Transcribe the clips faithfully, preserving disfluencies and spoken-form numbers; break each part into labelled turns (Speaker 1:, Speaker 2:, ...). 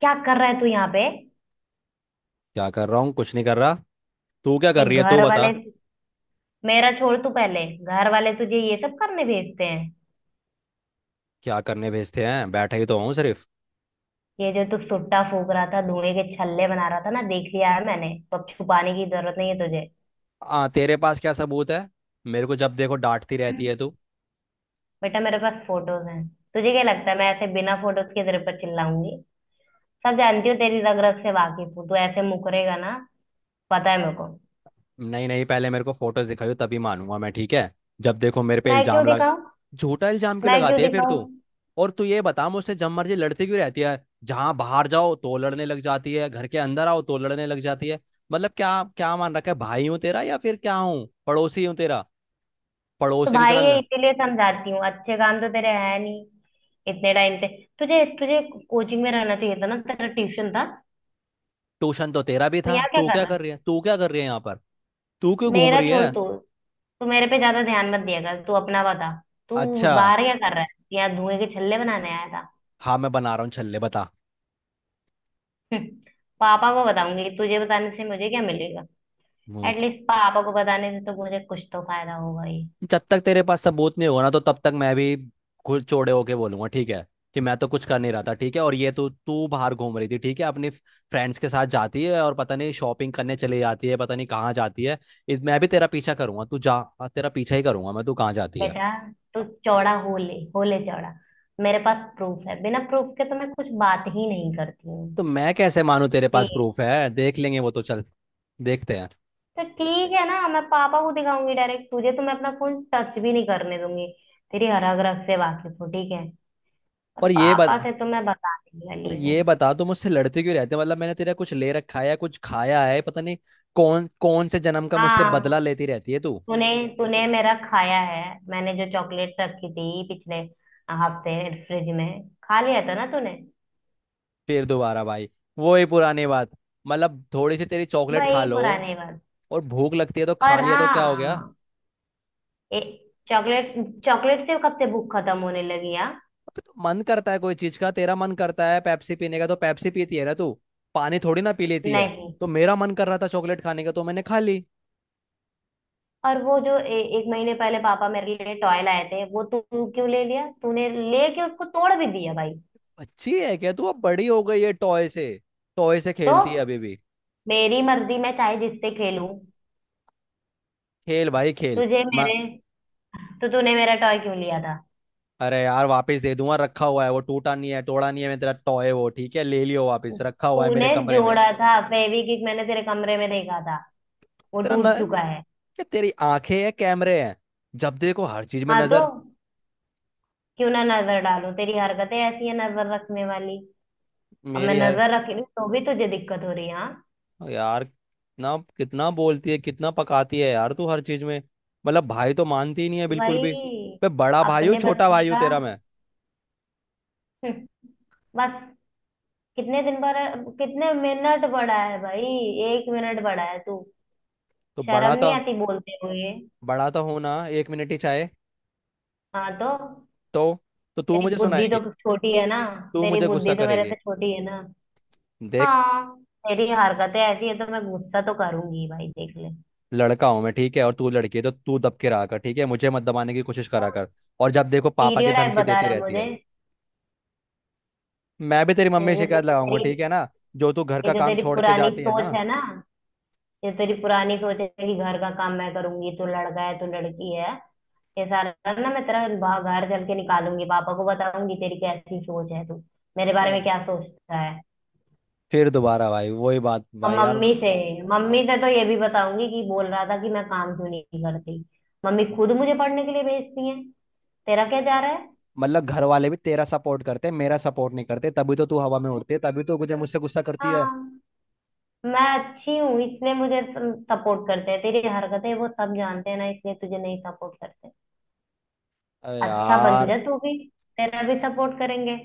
Speaker 1: क्या कर रहा है तू यहाँ पे।
Speaker 2: क्या कर रहा हूँ। कुछ नहीं कर रहा। तू क्या कर
Speaker 1: देख
Speaker 2: रही है? तू
Speaker 1: घर
Speaker 2: बता।
Speaker 1: वाले। मेरा छोड़ तू, पहले घर वाले तुझे ये सब करने भेजते हैं?
Speaker 2: क्या करने भेजते हैं? बैठा ही तो हूँ सिर्फ।
Speaker 1: ये जो तू सुट्टा फूक रहा था, धुएं के छल्ले बना रहा था ना, देख लिया है मैंने। तो अब छुपाने की जरूरत नहीं है तुझे।
Speaker 2: आ तेरे पास क्या सबूत है? मेरे को जब देखो डांटती रहती है तू।
Speaker 1: बेटा, मेरे पास फोटोज हैं। तुझे क्या लगता है मैं ऐसे बिना फोटोज के तेरे पर चिल्लाऊंगी? सब जानती हो, तेरी रग रग से वाकिफ हूँ। तू ऐसे मुकरेगा ना, पता है मेरे को।
Speaker 2: नहीं नहीं, पहले मेरे को फोटोज दिखाइयो, तभी मानूंगा मैं, ठीक है? जब देखो मेरे पे
Speaker 1: मैं क्यों
Speaker 2: इल्जाम लग।
Speaker 1: दिखाऊं?
Speaker 2: झूठा इल्जाम क्यों
Speaker 1: मैं क्यों
Speaker 2: लगाती है फिर
Speaker 1: दिखाऊं?
Speaker 2: तू? और तू ये बता, मुझसे जब मर्जी लड़ती क्यों रहती है? जहाँ बाहर जाओ तो लड़ने लग जाती है, घर के अंदर आओ तो लड़ने लग जाती है। मतलब क्या क्या मान रखा है? भाई हूँ तेरा या फिर क्या हूँ, पड़ोसी हूँ तेरा?
Speaker 1: तो
Speaker 2: पड़ोसी की
Speaker 1: भाई,
Speaker 2: तरह
Speaker 1: ये
Speaker 2: लड़।
Speaker 1: इसीलिए समझाती हूँ, अच्छे काम तो तेरे है नहीं इतने टाइम से। तुझे तुझे कोचिंग में रहना चाहिए था ना, तेरा ट्यूशन था।
Speaker 2: ट्यूशन तो तेरा भी
Speaker 1: तू
Speaker 2: था।
Speaker 1: यहाँ क्या
Speaker 2: तू
Speaker 1: कर
Speaker 2: क्या
Speaker 1: रहा है?
Speaker 2: कर रही है? तू क्या कर रही है यहाँ पर? तू क्यों घूम
Speaker 1: मेरा
Speaker 2: रही है?
Speaker 1: छोड़ तू। तू मेरे पे ज्यादा ध्यान मत दिया कर, तू अपना बता। तू
Speaker 2: अच्छा।
Speaker 1: बाहर क्या कर रहा है? यहाँ धुएं के छल्ले बनाने आया था?
Speaker 2: हाँ मैं बना रहा हूँ छल्ले, बता।
Speaker 1: हम्म, पापा को बताऊंगी। तुझे बताने से मुझे क्या मिलेगा?
Speaker 2: मोहित,
Speaker 1: एटलीस्ट पापा को बताने से तो मुझे कुछ तो फायदा होगा ही।
Speaker 2: जब तक तेरे पास सबूत नहीं होगा ना, तो तब तक मैं भी खुद चौड़े होके बोलूंगा, ठीक है? कि मैं तो कुछ कर नहीं रहा था, ठीक है। और ये तू तू बाहर घूम रही थी, ठीक है? अपनी फ्रेंड्स के साथ जाती है और पता नहीं शॉपिंग करने चली जाती है, पता नहीं कहाँ जाती है। इस मैं भी तेरा पीछा करूंगा, तू जा। हाँ, तेरा पीछा ही करूंगा मैं, तू कहाँ जाती है।
Speaker 1: बेटा, तू चौड़ा हो ले, हो ले चौड़ा। मेरे पास प्रूफ है, बिना प्रूफ के तो मैं कुछ बात ही नहीं करती हूँ।
Speaker 2: तो मैं कैसे मानूं तेरे पास
Speaker 1: ठीक है?
Speaker 2: प्रूफ है? देख लेंगे वो तो, चल। देखते हैं।
Speaker 1: तो ठीक है ना, मैं पापा को दिखाऊंगी डायरेक्ट। तुझे तो मैं अपना फोन टच भी नहीं करने दूंगी। तेरी हरग रग से वाकिफ हूँ, ठीक है? पर
Speaker 2: और ये
Speaker 1: पापा
Speaker 2: बता।
Speaker 1: से तो मैं बताने
Speaker 2: और
Speaker 1: वाली हूँ।
Speaker 2: ये बता, तू मुझसे लड़ते क्यों रहते हैं? मतलब मैंने तेरा कुछ ले रखा है या कुछ खाया है, पता नहीं। कौन कौन से जन्म का मुझसे
Speaker 1: हाँ हाँ,
Speaker 2: बदला लेती रहती है तू?
Speaker 1: तूने तूने मेरा खाया है। मैंने जो चॉकलेट रखी थी पिछले हफ्ते फ्रिज में, खा लिया था ना तूने?
Speaker 2: फिर दोबारा भाई वो ही पुरानी बात। मतलब थोड़ी सी तेरी चॉकलेट
Speaker 1: वही
Speaker 2: खा
Speaker 1: हम्म
Speaker 2: लो
Speaker 1: पुराने बात।
Speaker 2: और भूख लगती है तो खा
Speaker 1: और
Speaker 2: लिया तो क्या हो
Speaker 1: हम्म
Speaker 2: गया?
Speaker 1: हाँ। ए चॉकलेट। चॉकलेट से कब से भूख खत्म होने लगी यार?
Speaker 2: अबे तो मन करता है कोई चीज का, तेरा मन करता है पेप्सी पीने का तो पेप्सी पीती है ना तू? पानी थोड़ी ना पी लेती है।
Speaker 1: नहीं।
Speaker 2: तो मेरा मन कर रहा था चॉकलेट खाने का तो मैंने खा ली।
Speaker 1: और वो जो ए, एक महीने पहले पापा मेरे लिए टॉय लाए थे, वो तू क्यों ले लिया? तूने लेके उसको तोड़ भी दिया भाई।
Speaker 2: अच्छी है क्या तू? अब बड़ी हो गई है टॉय से। टॉय से
Speaker 1: तो
Speaker 2: खेलती है अभी भी?
Speaker 1: मेरी मर्जी, मैं चाहे जिससे खेलूं।
Speaker 2: खेल भाई खेल।
Speaker 1: तुझे
Speaker 2: म-
Speaker 1: मेरे तो तूने मेरा टॉय क्यों लिया था?
Speaker 2: अरे यार वापस दे दूंगा, रखा हुआ है वो। टूटा नहीं है, तोड़ा नहीं है। मैं तेरा टॉय वो, ठीक है, ले लियो वापस, रखा हुआ है
Speaker 1: तूने
Speaker 2: मेरे कमरे में।
Speaker 1: जोड़ा था फेविक्विक, मैंने तेरे कमरे में देखा था। वो
Speaker 2: तेरा न,
Speaker 1: टूट चुका है।
Speaker 2: क्या तेरी आंखें हैं, कैमरे हैं? जब देखो हर चीज में
Speaker 1: हाँ तो
Speaker 2: नजर।
Speaker 1: क्यों ना नजर डालूं? तेरी हरकतें ऐसी है नजर रखने वाली। अब मैं
Speaker 2: मेरी हर।
Speaker 1: नजर रख रही हूं, तो भी तुझे दिक्कत हो रही है, हाँ?
Speaker 2: यार ना, कितना बोलती है, कितना पकाती है यार तू हर चीज में। मतलब भाई तो मानती ही नहीं है
Speaker 1: कि
Speaker 2: बिल्कुल भी।
Speaker 1: भाई,
Speaker 2: मैं बड़ा भाई हूँ,
Speaker 1: अपने
Speaker 2: छोटा
Speaker 1: बचने
Speaker 2: भाई हूँ
Speaker 1: का
Speaker 2: तेरा मैं?
Speaker 1: हम्म, बस। कितने दिन पर कितने मिनट बढ़ा है भाई? एक मिनट बढ़ा है तू,
Speaker 2: तो बड़ा
Speaker 1: शर्म नहीं
Speaker 2: तो,
Speaker 1: आती बोलते हुए?
Speaker 2: बड़ा तो हूं ना, एक मिनट ही चाहे।
Speaker 1: हाँ तो,
Speaker 2: तो तो तू
Speaker 1: तेरी
Speaker 2: मुझे
Speaker 1: बुद्धि
Speaker 2: सुनाएगी?
Speaker 1: तो छोटी है ना।
Speaker 2: तू
Speaker 1: तेरी
Speaker 2: मुझे गुस्सा
Speaker 1: बुद्धि तो मेरे
Speaker 2: करेगी?
Speaker 1: से छोटी है ना।
Speaker 2: देख,
Speaker 1: हाँ, तेरी हरकतें ऐसी है तो मैं गुस्सा तो करूंगी भाई, देख ले।
Speaker 2: लड़का हूं मैं, ठीक है, और तू लड़की है तो तू दब के रहा कर, ठीक है, मुझे मत दबाने की कोशिश करा कर। और जब देखो पापा की
Speaker 1: स्टीरियोटाइप
Speaker 2: धमकी
Speaker 1: बता
Speaker 2: देती
Speaker 1: रहा है
Speaker 2: रहती है।
Speaker 1: मुझे।
Speaker 2: मैं भी तेरी मम्मी से
Speaker 1: ये जो
Speaker 2: शिकायत
Speaker 1: तो
Speaker 2: लगाऊंगा,
Speaker 1: तेरी
Speaker 2: ठीक है ना? जो तू घर
Speaker 1: ये
Speaker 2: का
Speaker 1: जो
Speaker 2: काम
Speaker 1: तेरी
Speaker 2: छोड़ के
Speaker 1: पुरानी
Speaker 2: जाती है ना।
Speaker 1: सोच है ना, ये तेरी पुरानी सोच है कि घर का काम मैं करूंगी, तू लड़का है, तू लड़की है। ये सारा ना मैं तेरा बाहर, घर चल के निकालूंगी, पापा को बताऊंगी तेरी कैसी सोच है, तू मेरे
Speaker 2: अ,
Speaker 1: बारे में क्या सोचता है।
Speaker 2: फिर दोबारा भाई वही बात
Speaker 1: और
Speaker 2: भाई यार।
Speaker 1: मम्मी से मम्मी से तो ये भी बताऊंगी कि बोल रहा था कि मैं काम क्यों नहीं करती। मम्मी खुद मुझे पढ़ने के लिए भेजती है, तेरा क्या जा रहा है?
Speaker 2: मतलब घर वाले भी तेरा सपोर्ट करते हैं, मेरा सपोर्ट नहीं करते, तभी तो तू हवा में उड़ती है, तभी तो मुझे मुझसे गुस्सा करती है।
Speaker 1: हाँ, मैं अच्छी हूँ इसलिए मुझे सपोर्ट करते हैं। तेरी हरकतें वो सब जानते हैं ना, इसलिए तुझे नहीं सपोर्ट करते।
Speaker 2: अरे
Speaker 1: अच्छा बन
Speaker 2: यार।
Speaker 1: जा तू भी, तेरा भी सपोर्ट करेंगे।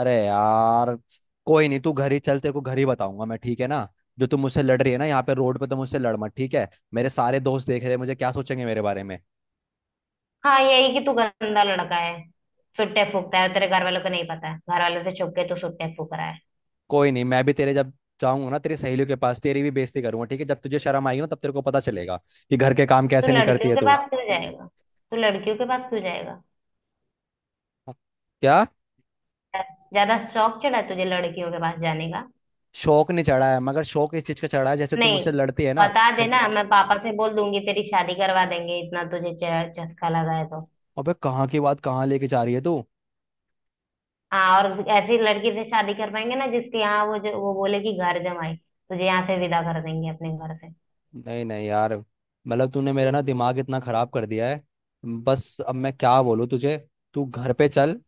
Speaker 2: अरे यार कोई नहीं, तू घर ही चल, तेरे को घर ही बताऊंगा मैं, ठीक है ना? जो तू मुझसे लड़ रही है ना यहाँ पे रोड पे, तो मुझसे लड़ मत, ठीक है। मेरे सारे दोस्त देख रहे हैं, मुझे क्या सोचेंगे मेरे बारे में।
Speaker 1: हाँ, यही कि तू गंदा लड़का है, सुट्टे फूकता है, तेरे घर वालों को नहीं पता है, घर वालों से छुप के तू सुट्टे फूक रहा है।
Speaker 2: कोई नहीं, मैं भी तेरे जब जाऊंगा ना तेरी सहेलियों के पास, तेरी भी बेइज्जती करूंगा, ठीक है? जब तुझे शर्म आएगी ना, तब तेरे को पता चलेगा कि घर के काम
Speaker 1: तू
Speaker 2: कैसे नहीं करती
Speaker 1: लड़कियों
Speaker 2: है
Speaker 1: के
Speaker 2: तू।
Speaker 1: पास क्यों जाएगा? तू लड़कियों के पास क्यों जाएगा?
Speaker 2: क्या?
Speaker 1: ज्यादा शौक चढ़ा है तुझे लड़कियों के पास जाने का?
Speaker 2: शौक नहीं चढ़ा है, मगर शौक इस चीज का चढ़ा है जैसे तू
Speaker 1: नहीं।
Speaker 2: मुझसे लड़ती है ना।
Speaker 1: बता
Speaker 2: तो
Speaker 1: देना, मैं पापा से बोल दूंगी तेरी शादी करवा देंगे, इतना तुझे च- चस्का लगा है तो।
Speaker 2: अबे कहाँ की बात कहाँ लेके जा रही है तू?
Speaker 1: हाँ और ऐसी लड़की से शादी करवाएंगे ना, जिसके यहाँ वो, जो वो बोले, कि घर जमाई तुझे यहाँ से विदा कर देंगे अपने घर से।
Speaker 2: नहीं नहीं यार, मतलब तूने मेरा ना दिमाग इतना खराब कर दिया है। बस अब मैं क्या बोलूँ तुझे। तू घर पे चल,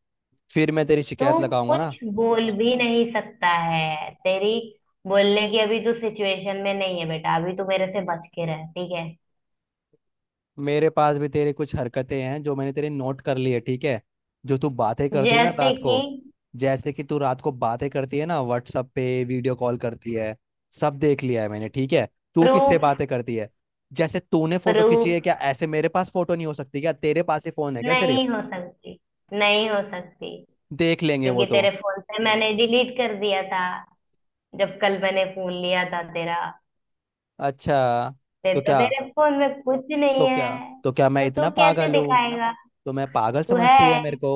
Speaker 2: फिर मैं तेरी
Speaker 1: तू
Speaker 2: शिकायत लगाऊंगा ना।
Speaker 1: कुछ बोल भी नहीं सकता है, तेरी बोलने की अभी तू सिचुएशन में नहीं है बेटा। अभी तू मेरे से बच के रह, ठीक है?
Speaker 2: मेरे पास भी तेरी कुछ हरकतें हैं जो मैंने तेरी नोट कर ली है, ठीक है? जो तू बातें करती है ना
Speaker 1: जैसे
Speaker 2: रात को।
Speaker 1: कि?
Speaker 2: जैसे कि तू रात को बातें करती है ना, व्हाट्सअप पे वीडियो कॉल करती है। सब देख लिया है मैंने, ठीक है? तू किससे
Speaker 1: प्रूफ।
Speaker 2: बातें करती है? जैसे तूने फोटो खींची है, क्या
Speaker 1: प्रूफ
Speaker 2: ऐसे मेरे पास फोटो नहीं हो सकती क्या? तेरे पास ही फोन है क्या सिर्फ?
Speaker 1: नहीं हो सकती, नहीं हो सकती।
Speaker 2: देख लेंगे वो
Speaker 1: क्योंकि
Speaker 2: तो।
Speaker 1: तेरे फोन से मैंने डिलीट कर दिया था जब कल मैंने फोन लिया था तेरा।
Speaker 2: अच्छा। तो
Speaker 1: तेरे तो
Speaker 2: क्या
Speaker 1: तेरे फोन में कुछ
Speaker 2: तो
Speaker 1: नहीं
Speaker 2: क्या
Speaker 1: है।
Speaker 2: तो क्या मैं
Speaker 1: तो तू
Speaker 2: इतना
Speaker 1: कैसे
Speaker 2: पागल हूँ?
Speaker 1: दिखाएगा?
Speaker 2: तो मैं पागल
Speaker 1: तू है,
Speaker 2: समझती है मेरे को।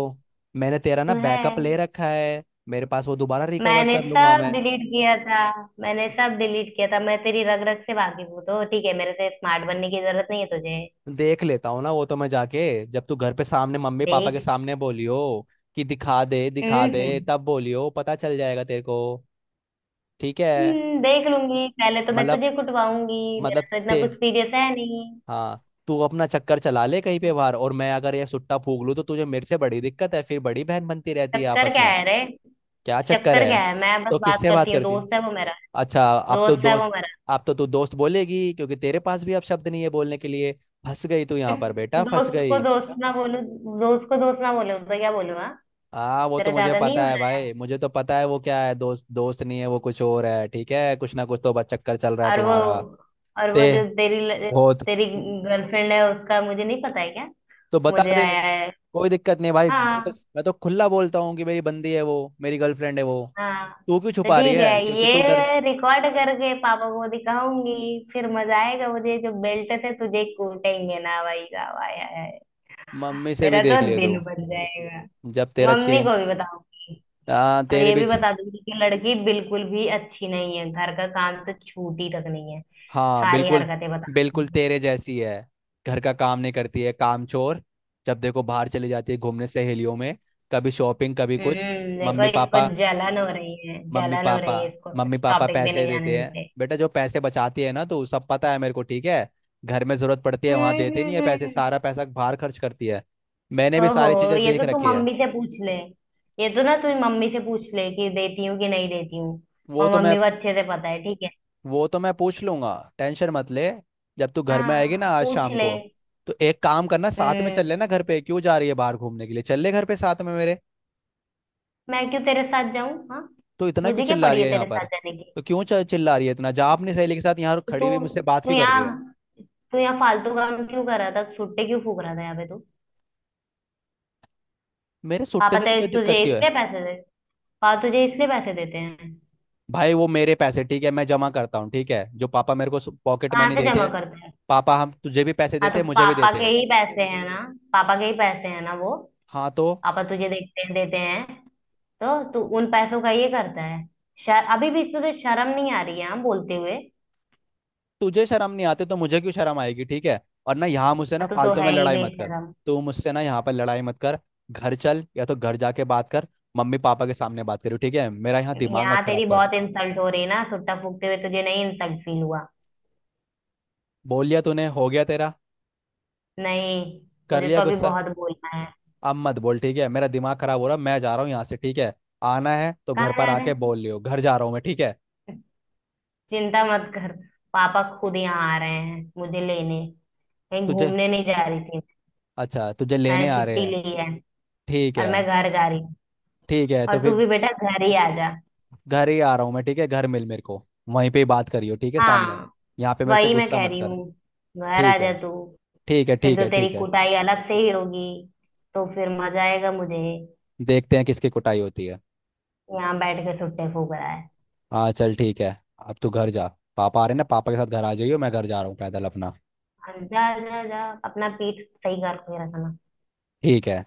Speaker 2: मैंने तेरा
Speaker 1: तू
Speaker 2: ना
Speaker 1: है।
Speaker 2: बैकअप ले रखा है मेरे पास, वो दोबारा रिकवर
Speaker 1: मैंने
Speaker 2: कर लूंगा
Speaker 1: सब
Speaker 2: मैं।
Speaker 1: डिलीट किया था। मैंने सब डिलीट किया था। मैं तेरी रग रग से वाकिफ हूँ, तो ठीक है, मेरे से स्मार्ट बनने की जरूरत नहीं है तुझे।
Speaker 2: देख लेता हूँ ना वो तो मैं जाके। जब तू घर पे सामने मम्मी पापा के
Speaker 1: देख।
Speaker 2: सामने बोलियो कि दिखा दे दिखा दे,
Speaker 1: हम्म
Speaker 2: तब बोलियो, पता चल जाएगा तेरे को। ठीक है।
Speaker 1: हम्म, देख लूंगी। पहले तो मैं
Speaker 2: मतलब
Speaker 1: तुझे कुटवाऊंगी। मेरा
Speaker 2: मतलब
Speaker 1: तो इतना
Speaker 2: ते
Speaker 1: कुछ सीरियस है नहीं।
Speaker 2: हाँ तू अपना चक्कर चला ले कहीं पे बाहर, और मैं अगर ये सुट्टा फूक लूँ तो तुझे मेरे से बड़ी दिक्कत है, फिर बड़ी बहन बनती रहती है
Speaker 1: चक्कर
Speaker 2: आपस
Speaker 1: क्या
Speaker 2: में।
Speaker 1: है रे?
Speaker 2: क्या चक्कर
Speaker 1: चक्कर
Speaker 2: है?
Speaker 1: क्या है? मैं बस
Speaker 2: तो
Speaker 1: बात
Speaker 2: किससे बात
Speaker 1: करती हूँ,
Speaker 2: करती?
Speaker 1: दोस्त है वो मेरा,
Speaker 2: अच्छा, अब तो
Speaker 1: दोस्त है वो
Speaker 2: दोस्त।
Speaker 1: मेरा।
Speaker 2: अब तो तू दोस्त बोलेगी क्योंकि तेरे पास भी अब शब्द नहीं है बोलने के लिए। फंस गई तू यहाँ पर बेटा, फंस
Speaker 1: दोस्त को
Speaker 2: गई।
Speaker 1: दोस्त ना बोलूं, दोस्त को दोस्त ना बोलूं तो क्या बोलूं, हाँ?
Speaker 2: हाँ वो तो
Speaker 1: तेरा
Speaker 2: मुझे
Speaker 1: ज्यादा नहीं
Speaker 2: पता
Speaker 1: हो
Speaker 2: है
Speaker 1: रहा है?
Speaker 2: भाई, मुझे तो पता है वो क्या है। दोस्त दोस्त नहीं है वो, कुछ और है, ठीक है? कुछ ना कुछ तो बस चक्कर चल रहा है
Speaker 1: और वो
Speaker 2: तुम्हारा।
Speaker 1: और वो
Speaker 2: ते
Speaker 1: जो तेरी ल-
Speaker 2: बहुत
Speaker 1: तेरी गर्लफ्रेंड है, उसका मुझे नहीं पता है क्या?
Speaker 2: तो बता
Speaker 1: मुझे
Speaker 2: दे,
Speaker 1: आया है।
Speaker 2: कोई दिक्कत नहीं भाई। मैं तो,
Speaker 1: हाँ
Speaker 2: मैं तो खुला बोलता हूँ कि मेरी बंदी है वो, मेरी गर्लफ्रेंड है वो।
Speaker 1: हाँ,
Speaker 2: तू क्यों
Speaker 1: तो
Speaker 2: छुपा रही
Speaker 1: ठीक है,
Speaker 2: है? क्योंकि तू डर।
Speaker 1: ये रिकॉर्ड करके पापा को दिखाऊंगी। फिर मजा आएगा मुझे, जो बेल्ट से तुझे कूटेंगे ना भाई साहब, आया है।
Speaker 2: मम्मी से भी
Speaker 1: मेरा तो
Speaker 2: देख लिया तू।
Speaker 1: दिन बन जाएगा।
Speaker 2: जब तेरा
Speaker 1: मम्मी
Speaker 2: छे
Speaker 1: को भी बताऊंगी।
Speaker 2: हाँ
Speaker 1: और
Speaker 2: तेरे
Speaker 1: ये
Speaker 2: भी।
Speaker 1: भी बता दूंगी कि लड़की बिल्कुल भी अच्छी नहीं है, घर का काम तो छूटी तक नहीं है।
Speaker 2: हाँ
Speaker 1: सारी
Speaker 2: बिल्कुल।
Speaker 1: हरकतें बता
Speaker 2: बिल्कुल
Speaker 1: दूंगी।
Speaker 2: तेरे जैसी है। घर का काम नहीं करती है, काम चोर। जब देखो बाहर चली जाती है घूमने सहेलियों में, कभी शॉपिंग कभी कुछ।
Speaker 1: हम्म देखो
Speaker 2: मम्मी
Speaker 1: इसको
Speaker 2: पापा
Speaker 1: जलन हो रही है,
Speaker 2: मम्मी
Speaker 1: जलन हो
Speaker 2: पापा
Speaker 1: रही है, इसको
Speaker 2: मम्मी पापा
Speaker 1: शॉपिंग पे
Speaker 2: पैसे
Speaker 1: नहीं जाने
Speaker 2: देते हैं।
Speaker 1: देते।
Speaker 2: बेटा जो पैसे बचाती है ना, तो सब पता है मेरे को, ठीक है? घर में जरूरत पड़ती है, वहां
Speaker 1: हम्म
Speaker 2: देते नहीं
Speaker 1: हम्म,
Speaker 2: है पैसे,
Speaker 1: हम्म।
Speaker 2: सारा पैसा बाहर खर्च करती है। मैंने भी
Speaker 1: ओहो,
Speaker 2: सारी चीजें
Speaker 1: ये
Speaker 2: देख
Speaker 1: तो तू
Speaker 2: रखी है।
Speaker 1: मम्मी से पूछ ले। ये तो ना तू मम्मी से पूछ ले कि देती हूँ कि नहीं देती हूँ।
Speaker 2: वो
Speaker 1: और
Speaker 2: तो मैं
Speaker 1: मम्मी को अच्छे से पता है, ठीक है।
Speaker 2: वो तो मैं पूछ लूंगा, टेंशन मत ले। जब तू घर में आएगी ना
Speaker 1: हाँ,
Speaker 2: आज
Speaker 1: पूछ
Speaker 2: शाम
Speaker 1: ले।
Speaker 2: को, तो एक काम करना, साथ में चल
Speaker 1: हम्म
Speaker 2: लेना घर पे, क्यों जा रही है बाहर घूमने के लिए, चल ले घर पे साथ में मेरे।
Speaker 1: मैं क्यों तेरे साथ जाऊं, हाँ?
Speaker 2: तो इतना क्यों
Speaker 1: मुझे क्या
Speaker 2: चिल्ला
Speaker 1: पड़ी
Speaker 2: रही है
Speaker 1: है
Speaker 2: यहाँ
Speaker 1: तेरे साथ
Speaker 2: पर?
Speaker 1: जाने की।
Speaker 2: तो क्यों च- चिल्ला रही है इतना? जा अपनी सहेली के साथ। यहाँ
Speaker 1: तो
Speaker 2: खड़ी हुई
Speaker 1: तू
Speaker 2: मुझसे बात
Speaker 1: तू
Speaker 2: क्यों कर रही है?
Speaker 1: यहाँ तू यहाँ फालतू काम क्यों कर रहा था, छुट्टे क्यों फूक रहा था यहाँ पे तू?
Speaker 2: मेरे सुट्टे
Speaker 1: पापा
Speaker 2: से
Speaker 1: तेरे
Speaker 2: तुझे
Speaker 1: तुझे
Speaker 2: दिक्कत क्यों है?
Speaker 1: इसलिए पैसे दे पापा तुझे इसलिए पैसे देते हैं?
Speaker 2: भाई वो मेरे पैसे, ठीक है, मैं जमा करता हूँ, ठीक है, जो पापा मेरे को पॉकेट
Speaker 1: कहाँ
Speaker 2: मनी
Speaker 1: से
Speaker 2: देते
Speaker 1: जमा
Speaker 2: हैं।
Speaker 1: करता है?
Speaker 2: पापा हम तुझे भी पैसे
Speaker 1: हाँ
Speaker 2: देते
Speaker 1: तो
Speaker 2: हैं, मुझे भी
Speaker 1: पापा
Speaker 2: देते
Speaker 1: के
Speaker 2: हैं।
Speaker 1: ही पैसे हैं ना, पापा के ही पैसे हैं ना वो।
Speaker 2: हाँ तो।
Speaker 1: पापा तुझे देखते हैं, देते हैं। तो तू उन पैसों का ये करता है? शर, अभी भी इसमें तो शर्म नहीं आ रही है, हाँ, बोलते हुए?
Speaker 2: तुझे शर्म नहीं आती तो मुझे क्यों शर्म आएगी, ठीक है। और ना यहाँ मुझसे ना
Speaker 1: हाँ, तू तो
Speaker 2: फालतू
Speaker 1: है
Speaker 2: में
Speaker 1: ही
Speaker 2: लड़ाई मत कर।
Speaker 1: बेशरम।
Speaker 2: तू मुझसे ना यहाँ पर लड़ाई मत कर। घर चल, या तो घर जाके बात कर, मम्मी पापा के सामने बात करो, ठीक है? मेरा यहाँ दिमाग मत
Speaker 1: यहाँ
Speaker 2: खराब
Speaker 1: तेरी
Speaker 2: कर।
Speaker 1: बहुत इंसल्ट हो रही है ना सुट्टा फूकते हुए, तुझे नहीं इंसल्ट फील हुआ?
Speaker 2: बोल लिया तूने, हो गया तेरा?
Speaker 1: नहीं,
Speaker 2: कर
Speaker 1: मुझे
Speaker 2: लिया
Speaker 1: तो अभी
Speaker 2: गुस्सा?
Speaker 1: बहुत बोलना है।
Speaker 2: अब मत बोल, ठीक है, मेरा दिमाग खराब हो रहा। मैं जा रहा हूँ यहाँ से, ठीक है। आना है तो घर
Speaker 1: कहाँ
Speaker 2: पर
Speaker 1: जा रहे
Speaker 2: आके
Speaker 1: हैं?
Speaker 2: बोल लियो, घर जा रहा हूँ मैं, ठीक है।
Speaker 1: चिंता मत कर, पापा खुद यहाँ आ रहे हैं मुझे लेने। कहीं
Speaker 2: तुझे,
Speaker 1: घूमने नहीं जा रही थी।
Speaker 2: अच्छा, तुझे लेने
Speaker 1: मैंने
Speaker 2: आ रहे
Speaker 1: छुट्टी
Speaker 2: हैं?
Speaker 1: ली है
Speaker 2: ठीक
Speaker 1: और
Speaker 2: है।
Speaker 1: मैं घर जा रही हूँ।
Speaker 2: ठीक है तो
Speaker 1: और तू
Speaker 2: फिर
Speaker 1: भी बेटा घर ही आ जा।
Speaker 2: घर ही आ रहा हूँ मैं, ठीक है, घर मिल मेरे को, वहीं पे ही बात करियो, ठीक है, सामने।
Speaker 1: हाँ,
Speaker 2: यहाँ पे मेरे से
Speaker 1: वही मैं
Speaker 2: गुस्सा
Speaker 1: कह
Speaker 2: मत
Speaker 1: रही
Speaker 2: कर।
Speaker 1: हूँ, घर आ
Speaker 2: ठीक
Speaker 1: जा
Speaker 2: है।
Speaker 1: तू।
Speaker 2: ठीक है
Speaker 1: फिर
Speaker 2: ठीक है
Speaker 1: तो तेरी
Speaker 2: ठीक है
Speaker 1: कुटाई अलग से ही होगी, तो फिर मजा आएगा मुझे।
Speaker 2: देखते हैं किसकी कुटाई होती है।
Speaker 1: यहाँ बैठ के सुट्टे फूक रहा है।
Speaker 2: हाँ चल ठीक है। अब तू घर जा, पापा आ रहे हैं ना, पापा के साथ घर आ जाइयो, मैं घर जा रहा हूँ पैदल अपना।
Speaker 1: जा जा जा, अपना पीठ सही करके रखना।
Speaker 2: ठीक है।